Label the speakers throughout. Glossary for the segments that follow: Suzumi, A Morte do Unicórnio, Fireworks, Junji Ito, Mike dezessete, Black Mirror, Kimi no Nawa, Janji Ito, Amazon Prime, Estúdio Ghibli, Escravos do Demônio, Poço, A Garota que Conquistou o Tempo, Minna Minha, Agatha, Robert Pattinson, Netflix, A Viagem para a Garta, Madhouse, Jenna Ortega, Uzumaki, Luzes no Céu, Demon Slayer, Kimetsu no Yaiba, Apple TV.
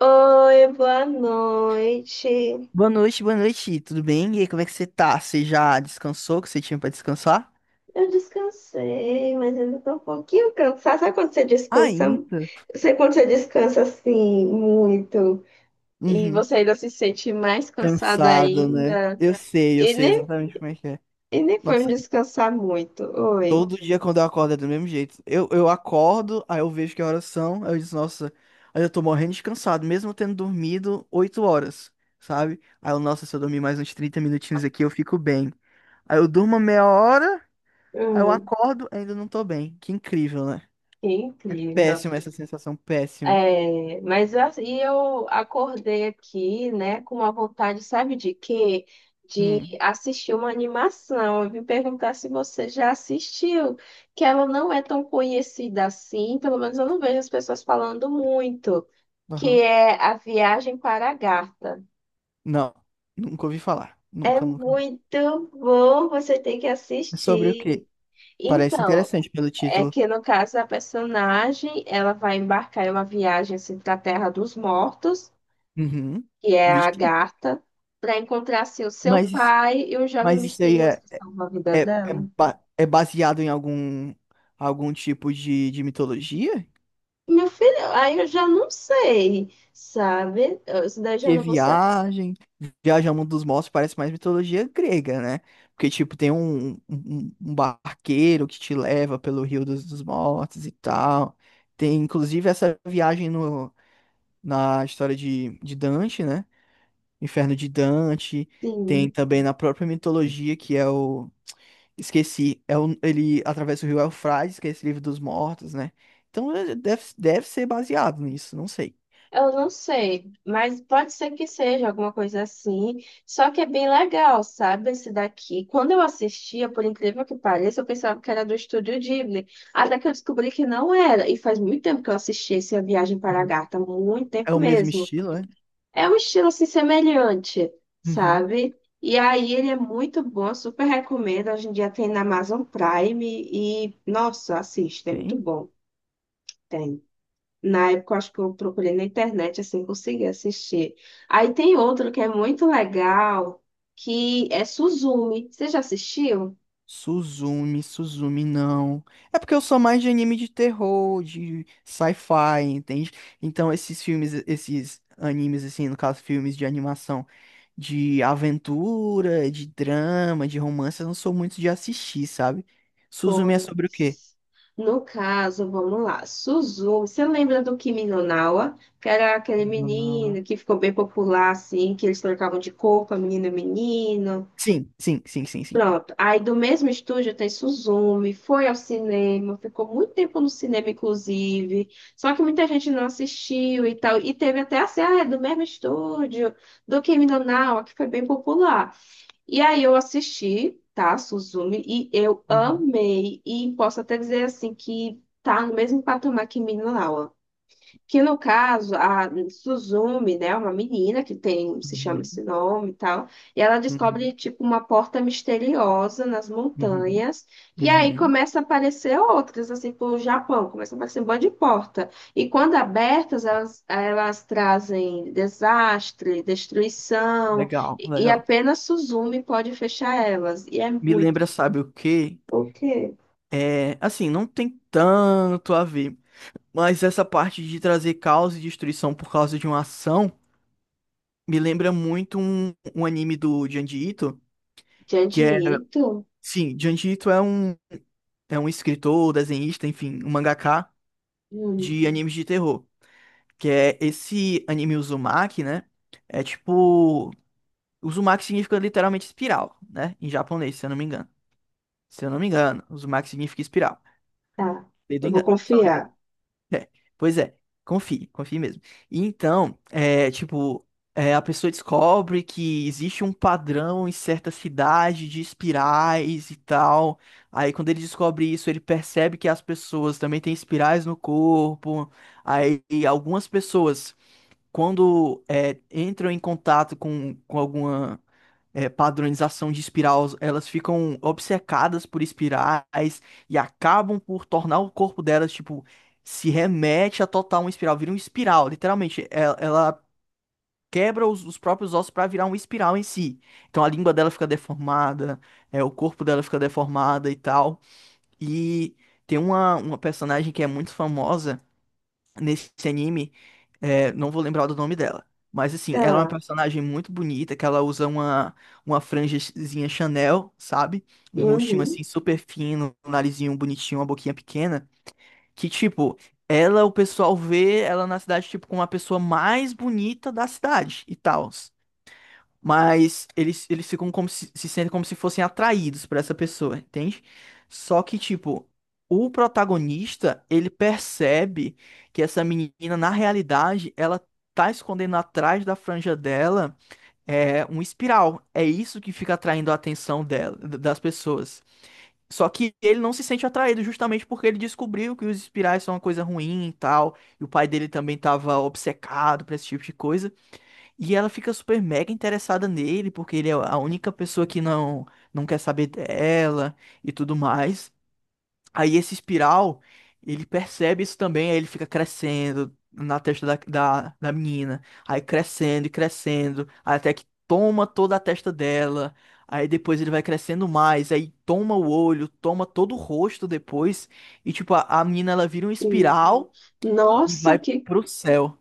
Speaker 1: Oi, boa noite.
Speaker 2: Boa noite, tudo bem? E aí, como é que você tá? Você já descansou, que você tinha pra descansar?
Speaker 1: Eu descansei, mas ainda tô um pouquinho cansada. Sabe quando você descansa?
Speaker 2: Ainda?
Speaker 1: Sabe quando você descansa assim, muito, e
Speaker 2: Uhum.
Speaker 1: você ainda se sente mais cansada
Speaker 2: Cansado, né?
Speaker 1: ainda?
Speaker 2: Eu
Speaker 1: E
Speaker 2: sei
Speaker 1: nem,
Speaker 2: exatamente como é que é.
Speaker 1: e nem foi me
Speaker 2: Nossa,
Speaker 1: descansar muito. Oi.
Speaker 2: todo dia quando eu acordo é do mesmo jeito. Eu acordo, aí eu vejo que horas são, aí eu disse, nossa, aí eu tô morrendo de cansado, mesmo tendo dormido 8 horas, sabe? Aí eu, nossa, se eu dormir mais uns 30 minutinhos aqui, eu fico bem. Aí eu durmo meia hora, aí eu
Speaker 1: Hum,
Speaker 2: acordo, ainda não tô bem. Que incrível, né?
Speaker 1: que incrível.
Speaker 2: Péssima essa sensação, péssima.
Speaker 1: É, e eu acordei aqui, né, com uma vontade, sabe de quê? De
Speaker 2: Hum.
Speaker 1: assistir uma animação. Eu vim perguntar se você já assistiu, que ela não é tão conhecida assim, pelo menos eu não vejo as pessoas falando muito, que
Speaker 2: Aham.
Speaker 1: é A Viagem para a Garta.
Speaker 2: Não, nunca ouvi falar.
Speaker 1: É
Speaker 2: Nunca, nunca.
Speaker 1: muito bom, você tem que
Speaker 2: É sobre o
Speaker 1: assistir.
Speaker 2: quê? Parece
Speaker 1: Então,
Speaker 2: interessante pelo
Speaker 1: é
Speaker 2: título.
Speaker 1: que no caso a personagem, ela vai embarcar em uma viagem assim, para a Terra dos Mortos,
Speaker 2: Uhum.
Speaker 1: que é a
Speaker 2: Vixe.
Speaker 1: Agatha, para encontrar assim, o seu
Speaker 2: Mas, isso-
Speaker 1: pai e o jovem
Speaker 2: mas isso aí
Speaker 1: misterioso que salva a vida
Speaker 2: é, é,
Speaker 1: dela.
Speaker 2: é baseado em algum tipo de mitologia?
Speaker 1: Meu filho, aí eu já não sei, sabe? Eu- isso daí já
Speaker 2: Que
Speaker 1: não vou ser
Speaker 2: viagem, Viagem ao mundo dos mortos parece mais mitologia grega, né? Porque, tipo, tem um barqueiro que te leva pelo Rio dos Mortos e tal. Tem, inclusive, essa viagem no, na história de Dante, né? Inferno de Dante, tem
Speaker 1: assim.
Speaker 2: também na própria mitologia que é o esqueci, é o... ele atravessa o rio Eufrates, que é esse livro dos mortos, né? Então é- deve ser baseado nisso, não sei.
Speaker 1: Eu não sei, mas pode ser que seja alguma coisa assim. Só que é bem legal, sabe? Esse daqui. Quando eu assistia, por incrível que pareça, eu pensava que era do Estúdio Ghibli. Até que eu descobri que não era. E faz muito tempo que eu assisti esse A Viagem para a
Speaker 2: Uhum.
Speaker 1: Gata, muito
Speaker 2: É
Speaker 1: tempo
Speaker 2: o mesmo
Speaker 1: mesmo.
Speaker 2: estilo, é?
Speaker 1: É um estilo assim semelhante,
Speaker 2: Uhum.
Speaker 1: sabe? E aí ele é muito bom, super recomendo. Hoje em dia tem na Amazon Prime e, nossa, assiste, é muito
Speaker 2: Tem.
Speaker 1: bom. Tem. Na época, eu acho que eu procurei na internet, assim, consegui assistir. Aí tem outro que é muito legal, que é Suzumi. Você já assistiu?
Speaker 2: Suzumi, Suzumi, não. É porque eu sou mais de anime de terror, de sci-fi, entende? Então esses filmes, esses animes, assim, no caso, filmes de animação de aventura, de drama, de romance, eu não sou muito de assistir, sabe? Suzumi é sobre o quê?
Speaker 1: Pois, no caso, vamos lá. Suzumi, você lembra do Kimi no Nawa? Que era aquele
Speaker 2: Nonawa.
Speaker 1: menino que ficou bem popular, assim, que eles trocavam de corpo, menino e menino.
Speaker 2: Sim, sim, sim, sim, sim.
Speaker 1: Pronto. Aí do mesmo estúdio tem Suzumi, foi ao cinema, ficou muito tempo no cinema, inclusive. Só que muita gente não assistiu e tal. E teve até assim, ah, é do mesmo estúdio, do Kimi no Nawa, que foi bem popular. E aí eu assisti, tá, Suzumi, e eu
Speaker 2: Uhum,
Speaker 1: amei. E posso até dizer assim que tá no mesmo patamar que Minna Minha, que no caso, a Suzumi, né, uma menina que tem, se chama esse
Speaker 2: uhum,
Speaker 1: nome e tal, e ela descobre,
Speaker 2: uhum,
Speaker 1: tipo, uma porta misteriosa nas
Speaker 2: uhum,
Speaker 1: montanhas, e aí
Speaker 2: uhum.
Speaker 1: começa a aparecer outras, assim, pro Japão, começa a aparecer um monte de porta. E quando abertas, elas trazem desastre, destruição,
Speaker 2: Legal,
Speaker 1: e
Speaker 2: legal.
Speaker 1: apenas Suzumi pode fechar elas. E é
Speaker 2: Me
Speaker 1: muito.
Speaker 2: lembra, sabe o quê?
Speaker 1: O quê?
Speaker 2: É, assim, não tem tanto a ver, mas essa parte de trazer caos e destruição por causa de uma ação me lembra muito um anime do Junji Ito, que
Speaker 1: Janji
Speaker 2: é,
Speaker 1: Ito?
Speaker 2: sim, Junji Ito é um escritor, desenhista, enfim, um mangaka
Speaker 1: Hum,
Speaker 2: de animes de terror. Que é esse anime Uzumaki, né? É tipo. Uzumaki significa literalmente espiral, né? Em japonês, se eu não me engano. Se eu não me engano, Uzumaki significa espiral.
Speaker 1: tá.
Speaker 2: Dedo
Speaker 1: Eu vou
Speaker 2: engano, salvo.
Speaker 1: confiar.
Speaker 2: É, pois é, confie, confie mesmo. E então, é, tipo, é, a pessoa descobre que existe um padrão em certa cidade de espirais e tal. Aí, quando ele descobre isso, ele percebe que as pessoas também têm espirais no corpo. Aí, e algumas pessoas, quando é, entram em contato com alguma é, padronização de espiral, elas ficam obcecadas por espirais e acabam por tornar o corpo delas, tipo, se remete a total uma espiral, vira uma espiral, literalmente. Ela quebra os próprios ossos para virar uma espiral em si. Então a língua dela fica deformada, é, o corpo dela fica deformada e tal. E tem uma personagem que é muito famosa nesse anime é, não vou lembrar do nome dela. Mas assim, ela é uma
Speaker 1: Tá.
Speaker 2: personagem muito bonita, que ela usa uma franjazinha Chanel, sabe? Um rostinho
Speaker 1: Uhum.
Speaker 2: assim super fino, um narizinho bonitinho, uma boquinha pequena. Que tipo, o pessoal vê ela na cidade, tipo, como a pessoa mais bonita da cidade e tal. Mas eles ficam como se sentem como se fossem atraídos por essa pessoa, entende? Só que, tipo, o protagonista, ele percebe que essa menina, na realidade, ela tá escondendo atrás da franja dela é, um espiral. É isso que fica atraindo a atenção dela, das pessoas. Só que ele não se sente atraído justamente porque ele descobriu que os espirais são uma coisa ruim e tal, e o pai dele também tava obcecado por esse tipo de coisa. E ela fica super mega interessada nele, porque ele é a única pessoa que não quer saber dela e tudo mais. Aí esse espiral, ele percebe isso também, aí ele fica crescendo na testa da menina. Aí crescendo e crescendo, até que toma toda a testa dela. Aí depois ele vai crescendo mais, aí toma o olho, toma todo o rosto depois. E tipo, a menina ela vira um
Speaker 1: Sim.
Speaker 2: espiral e
Speaker 1: Nossa,
Speaker 2: vai pro céu.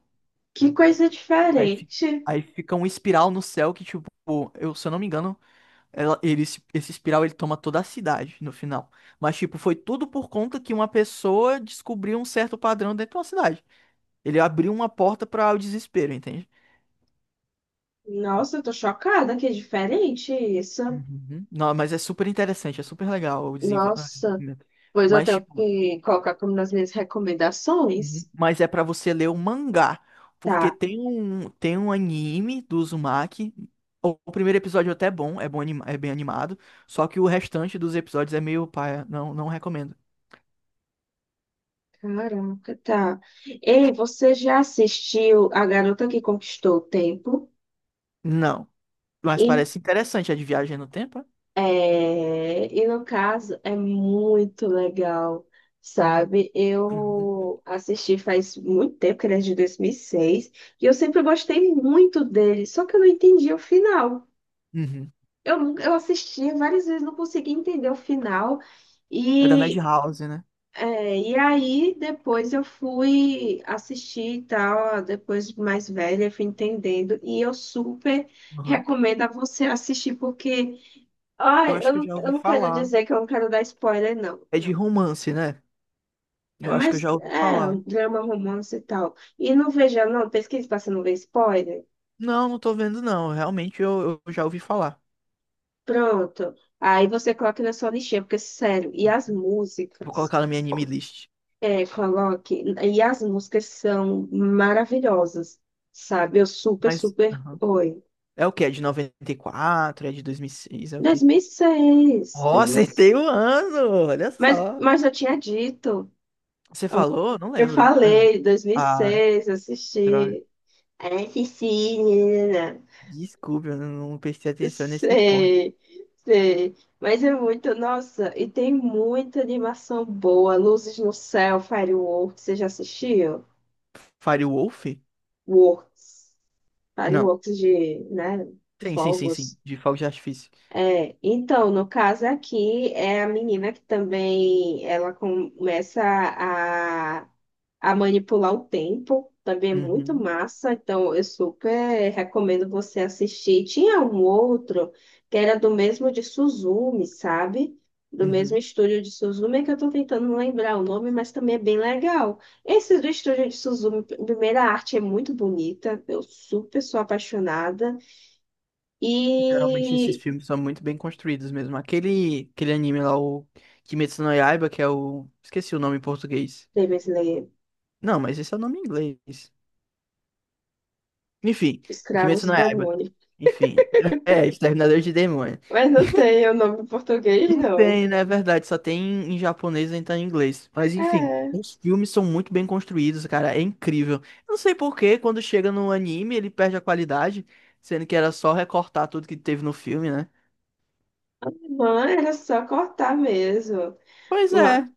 Speaker 1: que coisa
Speaker 2: Aí, fi-
Speaker 1: diferente.
Speaker 2: aí fica um espiral no céu que, tipo, eu, se eu não me engano, ela, ele, se- esse espiral ele toma toda a cidade no final. Mas, tipo, foi tudo por conta que uma pessoa descobriu um certo padrão dentro de uma cidade. Ele abriu uma porta para o desespero, entende?
Speaker 1: Nossa, eu tô chocada que é diferente isso.
Speaker 2: Uhum. Não, mas é super interessante, é super legal o o
Speaker 1: Nossa,
Speaker 2: desenvolvimento.
Speaker 1: pois eu
Speaker 2: Mas,
Speaker 1: tenho
Speaker 2: tipo,
Speaker 1: que colocar como nas minhas
Speaker 2: uhum.
Speaker 1: recomendações.
Speaker 2: Mas é pra você ler o mangá, porque
Speaker 1: Tá,
Speaker 2: tem um anime do Uzumaki. O primeiro episódio até é bom, é bom, é bem animado, só que o restante dos episódios é meio paia, não recomendo.
Speaker 1: caraca, tá. Ei, você já assistiu A Garota que Conquistou o Tempo?
Speaker 2: Não, mas parece interessante, é de viagem no tempo, é?
Speaker 1: É, e no caso é muito legal, sabe?
Speaker 2: Uhum.
Speaker 1: Eu assisti faz muito tempo, que ele é de 2006, e seis, e eu sempre gostei muito dele, só que eu não entendi o final.
Speaker 2: Uhum.
Speaker 1: Eu, nunca- eu assistia várias vezes, não conseguia entender o final,
Speaker 2: É da
Speaker 1: e,
Speaker 2: Madhouse, né?
Speaker 1: e aí depois eu fui assistir e tal, depois de mais velha, eu fui entendendo, e eu super
Speaker 2: Uhum.
Speaker 1: recomendo a você assistir, porque.
Speaker 2: Eu
Speaker 1: Ai,
Speaker 2: acho que eu já
Speaker 1: eu
Speaker 2: ouvi
Speaker 1: não quero
Speaker 2: falar.
Speaker 1: dizer que eu não quero dar spoiler, não.
Speaker 2: É de romance, né?
Speaker 1: É,
Speaker 2: Eu acho
Speaker 1: mas
Speaker 2: que eu já ouvi
Speaker 1: é um
Speaker 2: falar.
Speaker 1: drama, romance e tal. E não veja, não, pesquise pra você não ver spoiler.
Speaker 2: Não, não tô vendo não, realmente eu já ouvi falar.
Speaker 1: Pronto. Aí você coloca na sua lixeira porque, sério, e as
Speaker 2: Vou
Speaker 1: músicas?
Speaker 2: colocar na minha anime list.
Speaker 1: É, coloque. E as músicas são maravilhosas, sabe? Eu super,
Speaker 2: Mas,
Speaker 1: super.
Speaker 2: aham.
Speaker 1: Oi.
Speaker 2: É o quê? É de 94, é de 2006, é o quê?
Speaker 1: 2006,
Speaker 2: Ó,
Speaker 1: 2006.
Speaker 2: acertei o ano! Olha só.
Speaker 1: Mas eu tinha dito.
Speaker 2: Você
Speaker 1: Ó,
Speaker 2: falou? Não
Speaker 1: eu
Speaker 2: lembro. Pera.
Speaker 1: falei, dois mil e
Speaker 2: Ah, que
Speaker 1: seis,
Speaker 2: droga.
Speaker 1: assisti. Assisti, né?
Speaker 2: Desculpe, eu não prestei atenção nesse ponto.
Speaker 1: Sei, sei. Mas é muito, nossa, e tem muita animação boa. Luzes no Céu, Fireworks, você já assistiu?
Speaker 2: Firewolf?
Speaker 1: Works,
Speaker 2: Não.
Speaker 1: Fireworks de, né,
Speaker 2: Sim, sim, sim, sim.
Speaker 1: fogos.
Speaker 2: De fogos de artifício.
Speaker 1: É, então, no caso aqui, é a menina que também, ela começa a a manipular o tempo. Também é muito
Speaker 2: Uhum,
Speaker 1: massa, então eu super recomendo você assistir. Tinha um outro que era do mesmo de Suzumi, sabe? Do mesmo
Speaker 2: uhum.
Speaker 1: estúdio de Suzumi, é que eu tô tentando lembrar o nome, mas também é bem legal. Esse do estúdio de Suzumi, primeira arte é muito bonita, eu super sou apaixonada.
Speaker 2: Geralmente esses
Speaker 1: E.
Speaker 2: filmes são muito bem construídos mesmo. Aquele anime lá, o Kimetsu no Yaiba, que é o... Esqueci o nome em português.
Speaker 1: Demon Slayer,
Speaker 2: Não, mas esse é o nome em inglês. Enfim,
Speaker 1: Escravos
Speaker 2: Kimetsu no
Speaker 1: do
Speaker 2: Yaiba.
Speaker 1: Demônio.
Speaker 2: Enfim, é, Exterminador de demônios.
Speaker 1: Mas não tem o nome em português,
Speaker 2: Não
Speaker 1: não.
Speaker 2: tem, né? É verdade, só tem em japonês e então em inglês. Mas enfim,
Speaker 1: É.
Speaker 2: os filmes são muito bem construídos, cara, é incrível. Eu não sei por que quando chega no anime ele perde a qualidade, sendo que era só recortar tudo que teve no filme, né?
Speaker 1: Não, era só cortar mesmo.
Speaker 2: Pois
Speaker 1: Mas
Speaker 2: é,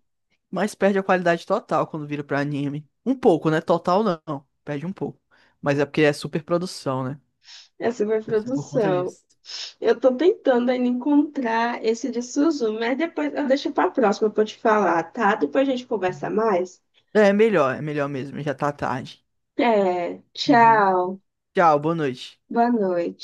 Speaker 2: mas perde a qualidade total quando vira pra anime. Um pouco, né? Total não, perde um pouco. Mas é porque é super produção, né?
Speaker 1: essa foi a
Speaker 2: Deve ser por conta
Speaker 1: produção.
Speaker 2: disso.
Speaker 1: Eu tô tentando ainda encontrar esse de Suzu, mas depois eu deixo pra próxima pra eu te falar, tá? Depois a gente conversa mais.
Speaker 2: É melhor mesmo, já tá tarde.
Speaker 1: É,
Speaker 2: Uhum.
Speaker 1: tchau.
Speaker 2: Tchau, boa noite.
Speaker 1: Boa noite.